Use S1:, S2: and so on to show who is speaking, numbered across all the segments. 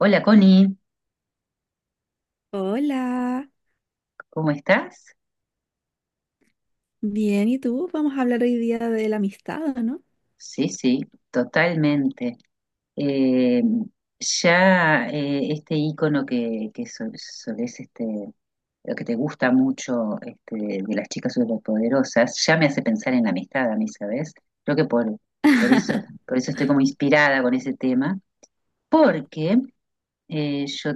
S1: Hola Connie,
S2: Hola,
S1: ¿cómo estás?
S2: bien, ¿y tú? Vamos a hablar hoy día de la amistad, ¿o ¿no?
S1: Sí, sí, totalmente. Eh, ya este icono que solés, lo que te gusta mucho, de las chicas superpoderosas, ya me hace pensar en la amistad a mí, ¿sabes? Creo que por eso, por eso estoy como inspirada con ese tema, porque yo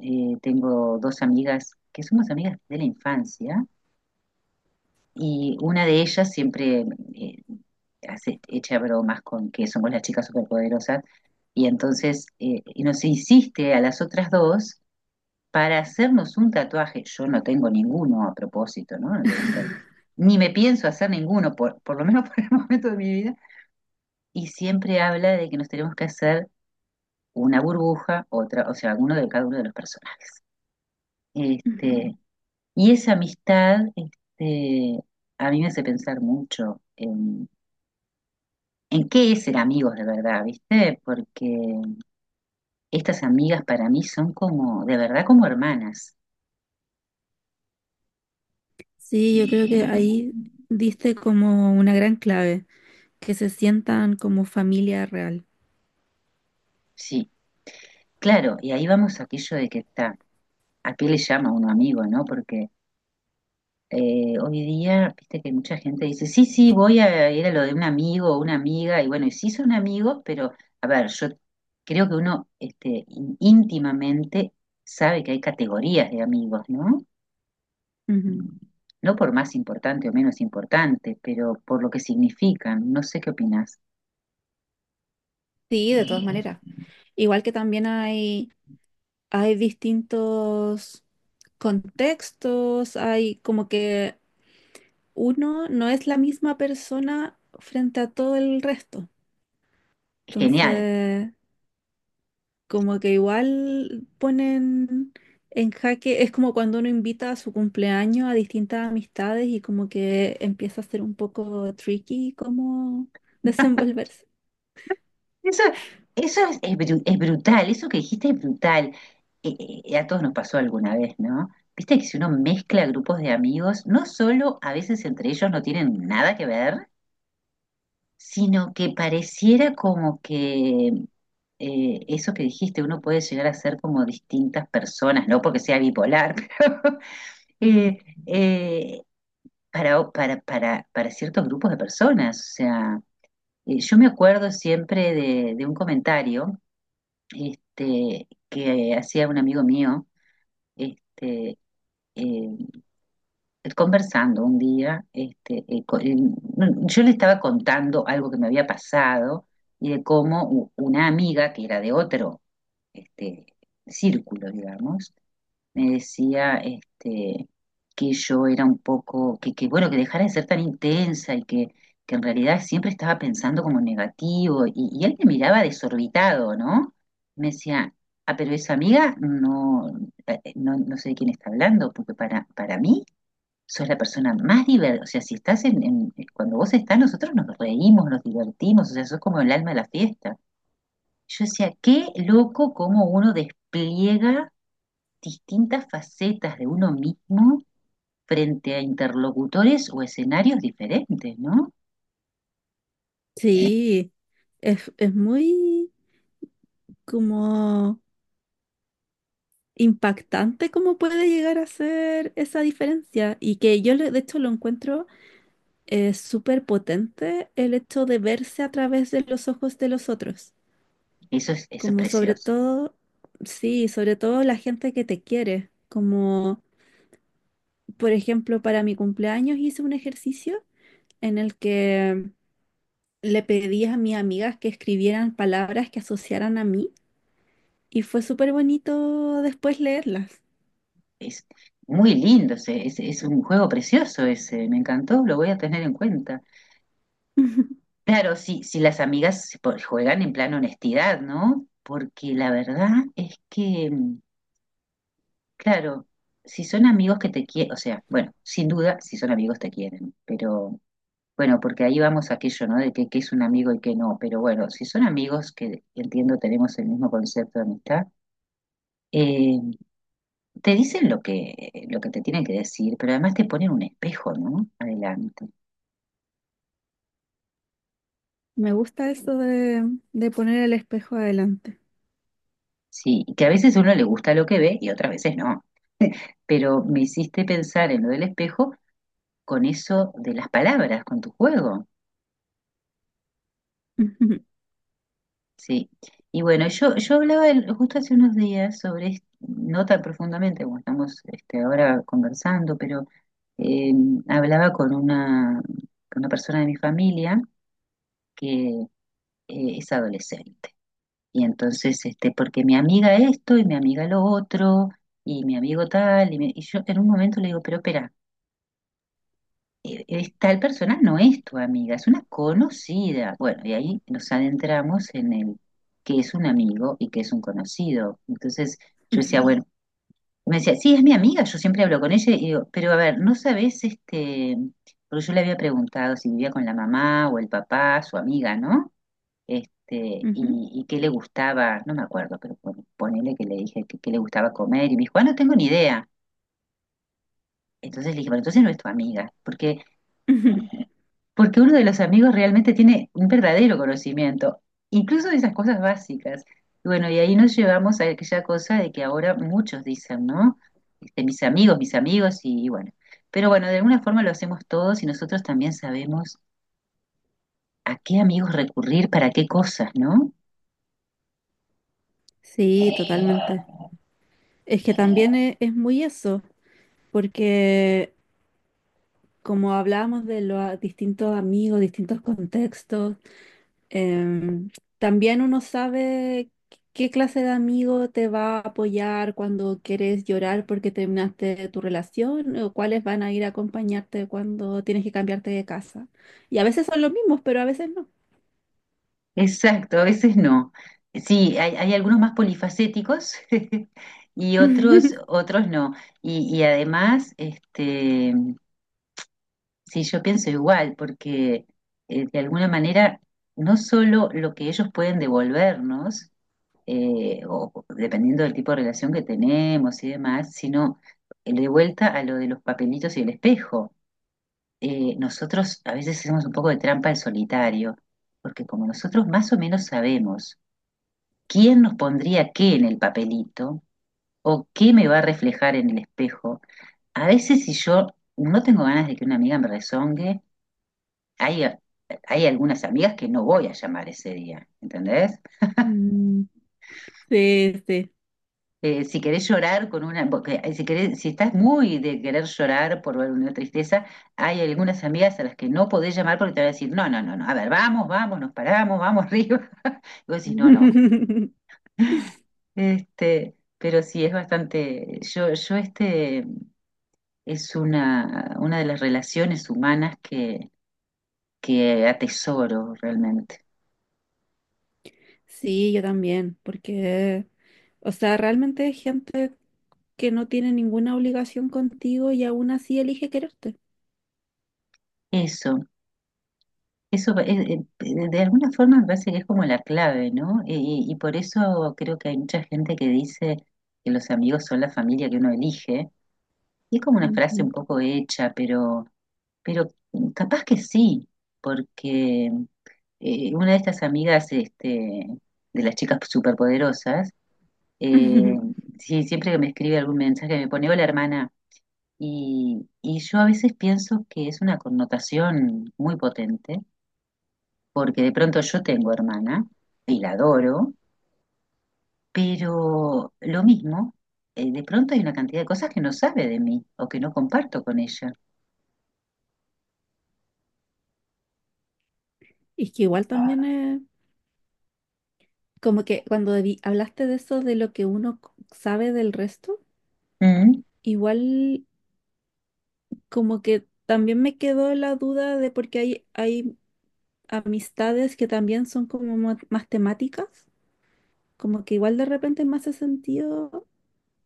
S1: tengo dos amigas que somos amigas de la infancia. Y una de ellas siempre eh, hace, echa bromas con que somos las chicas superpoderosas. Y entonces y nos insiste a las otras dos para hacernos un tatuaje. Yo no tengo ninguno a propósito, ¿no? Ni me pienso hacer ninguno, por lo menos por el momento de mi vida. Y siempre habla de que nos tenemos que hacer una burbuja, otra, o sea, alguno de cada uno de los personajes. Este, y esa amistad, a mí me hace pensar mucho en ¿en qué es ser amigos de verdad, viste? Porque estas amigas para mí son como, de verdad, como hermanas.
S2: Sí, yo creo que ahí diste como una gran clave, que se sientan como familia real.
S1: Sí, claro, y ahí vamos a aquello de que está, ¿a qué le llama uno amigo, no? Porque hoy día, viste que mucha gente dice, sí, sí, voy a ir a lo de un amigo o una amiga, y bueno, y sí son amigos, pero a ver, yo creo que uno íntimamente sabe que hay categorías de amigos, ¿no?
S2: Ujú.
S1: No por más importante o menos importante, pero por lo que significan. No sé qué opinas.
S2: Sí, de todas maneras. Igual que también hay distintos contextos, hay como que uno no es la misma persona frente a todo el resto.
S1: Genial.
S2: Entonces, como que igual ponen en jaque, es como cuando uno invita a su cumpleaños a distintas amistades y como que empieza a ser un poco tricky cómo desenvolverse.
S1: Eso, es es brutal, eso que dijiste es brutal. Eh, a todos nos pasó alguna vez, ¿no? Viste que si uno mezcla grupos de amigos, no solo a veces entre ellos no tienen nada que ver, sino que pareciera como que eso que dijiste, uno puede llegar a ser como distintas personas, no porque sea bipolar, pero eh, eh, para ciertos grupos de personas. O sea, yo me acuerdo siempre de un comentario que hacía un amigo mío, este, eh, conversando un día, no, yo le estaba contando algo que me había pasado y de cómo una amiga que era de otro este, círculo, digamos, me decía que yo era un poco, que bueno, que dejara de ser tan intensa y que en realidad siempre estaba pensando como negativo y él me miraba desorbitado, ¿no? Me decía, ah, pero esa amiga no, no, no sé de quién está hablando, porque para mí sos la persona más divertida, o sea, si estás cuando vos estás, nosotros nos reímos, nos divertimos, o sea, sos como el alma de la fiesta. Yo decía, qué loco cómo uno despliega distintas facetas de uno mismo frente a interlocutores o escenarios diferentes, ¿no?
S2: Sí, es muy como impactante cómo puede llegar a ser esa diferencia y que de hecho lo encuentro súper potente el hecho de verse a través de los ojos de los otros.
S1: Eso es
S2: Como sobre
S1: precioso.
S2: todo, sí, sobre todo la gente que te quiere. Como, por ejemplo, para mi cumpleaños hice un ejercicio en el que le pedí a mis amigas que escribieran palabras que asociaran a mí y fue súper bonito después leerlas.
S1: Es muy lindo, es un juego precioso ese, me encantó, lo voy a tener en cuenta. Claro, si las amigas juegan en plan honestidad, ¿no? Porque la verdad es que claro, si son amigos que te quieren, o sea, bueno, sin duda, si son amigos te quieren, pero bueno, porque ahí vamos a aquello, ¿no? De que es un amigo y que no, pero bueno, si son amigos que entiendo tenemos el mismo concepto de amistad, eh, te dicen lo que te tienen que decir, pero además te ponen un espejo, ¿no? Adelante.
S2: Me gusta eso de poner el espejo adelante.
S1: Sí, y que a veces uno le gusta lo que ve y otras veces no, pero me hiciste pensar en lo del espejo con eso de las palabras, con tu juego. Sí. Y bueno, yo hablaba justo hace unos días sobre, no tan profundamente como estamos ahora conversando, pero eh, hablaba con con una persona de mi familia que es adolescente. Y entonces, porque mi amiga esto y mi amiga lo otro, y mi amigo tal, y yo en un momento le digo, pero espera, tal persona no es tu amiga, es una conocida. Bueno, y ahí nos adentramos en el que es un amigo y que es un conocido. Entonces yo decía, claro, bueno, me decía, sí, es mi amiga, yo siempre hablo con ella y digo, pero a ver, ¿no sabes este? Porque yo le había preguntado si vivía con la mamá o el papá, su amiga, ¿no?
S2: Ujú, ujú,
S1: Y qué le gustaba, no me acuerdo, pero ponele que le dije que, qué le gustaba comer y me dijo, ah, no tengo ni idea. Entonces le dije, bueno, entonces no es tu amiga,
S2: ujú.
S1: porque uno de los amigos realmente tiene un verdadero conocimiento, incluso de esas cosas básicas. Y bueno, y ahí nos llevamos a aquella cosa de que ahora muchos dicen, ¿no? Mis amigos, y bueno. Pero bueno, de alguna forma lo hacemos todos y nosotros también sabemos a qué amigos recurrir para qué cosas, ¿no?
S2: Sí, totalmente. Es que también es muy eso, porque como hablábamos de los distintos amigos, distintos contextos, em, también uno sabe qué clase de amigo te va a apoyar cuando quieres llorar porque terminaste tu relación o cuáles van a ir a acompañarte cuando tienes que cambiarte de casa. Y a veces son los mismos, pero a veces no.
S1: Exacto, a veces no. Sí, hay algunos más polifacéticos y otros, otros no. Y, y además, este, Sí, yo pienso igual, porque de alguna manera no solo lo que ellos pueden devolvernos, o dependiendo del tipo de relación que tenemos y demás, sino de vuelta a lo de los papelitos y el espejo. Nosotros a veces hacemos un poco de trampa al solitario, porque como nosotros más o menos sabemos quién nos pondría qué en el papelito o qué me va a reflejar en el espejo, a veces si yo no tengo ganas de que una amiga me rezongue, hay, hay algunas amigas que no voy a llamar ese día, ¿entendés?
S2: Mm, sí, sí.
S1: Si querés llorar con una, porque, si querés, si estás muy de querer llorar por una tristeza, hay algunas amigas a las que no podés llamar porque te van a decir, no, no, no, no, a ver, vamos, vamos, nos paramos, vamos arriba. Y vos decís, no, no. Pero sí, es bastante, yo, es una de las relaciones humanas que atesoro realmente.
S2: Sí, yo también, porque, o sea, realmente hay gente que no tiene ninguna obligación contigo y aún así elige quererte.
S1: Eso. Eso, de alguna forma me parece que es como la clave, ¿no? Y por eso creo que hay mucha gente que dice que los amigos son la familia que uno elige. Y es como una frase
S2: Ujú.
S1: un poco hecha, pero capaz que sí, porque una de estas amigas de las chicas superpoderosas, eh, sí, siempre que me escribe algún mensaje me pone, hola hermana, y yo a veces pienso que es una connotación muy potente porque de pronto yo tengo hermana y la adoro, pero lo mismo, de pronto hay una cantidad de cosas que no sabe de mí o que no comparto con ella.
S2: Y que igual también es como que cuando hablaste de eso, de lo que uno sabe del resto,
S1: Mm,
S2: igual como que también me quedó la duda de porque hay amistades que también son como más temáticas, como que igual de repente me hace sentido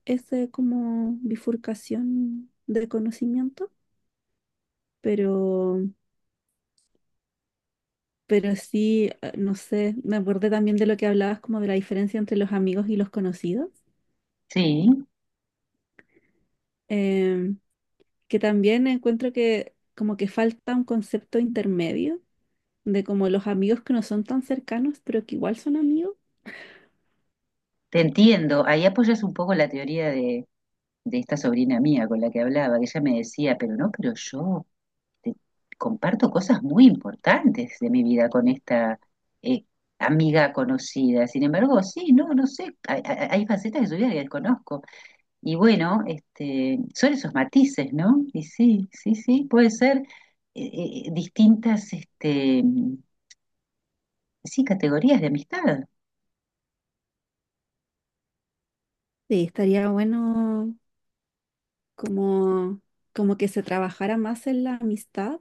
S2: esa como bifurcación de conocimiento, pero, pero sí, no sé, me acordé también de lo que hablabas como de la diferencia entre los amigos y los conocidos,
S1: sí,
S2: eh, que también encuentro que como que falta un concepto intermedio de como los amigos que no son tan cercanos, pero que igual son amigos.
S1: te entiendo. Ahí apoyas un poco la teoría de esta sobrina mía con la que hablaba, que ella me decía, pero no, pero yo te- comparto cosas muy importantes de mi vida con esta... eh, amiga conocida. Sin embargo, sí, no, no sé, hay facetas de su vida que desconozco. Y bueno, son esos matices, ¿no? Y sí, sí, sí, puede ser eh, eh, distintas, este, sí, categorías de amistad.
S2: Sí, estaría bueno como, como que se trabajara más en la amistad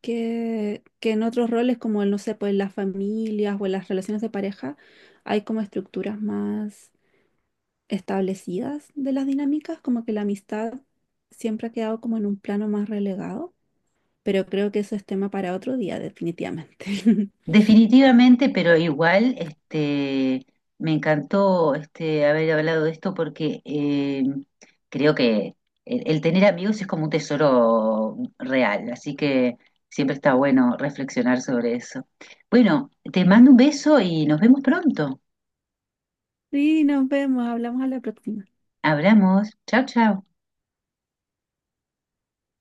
S2: que en otros roles como el, no sé, pues en las familias o en las relaciones de pareja, hay como estructuras más establecidas de las dinámicas, como que la amistad siempre ha quedado como en un plano más relegado, pero creo que eso es tema para otro día, definitivamente.
S1: Definitivamente, pero igual, me encantó haber hablado de esto porque creo que el tener amigos es como un tesoro real, así que siempre está bueno reflexionar sobre eso. Bueno, te mando un beso y nos vemos pronto.
S2: Sí, nos vemos, hablamos a la próxima.
S1: Hablamos. Chao, chao.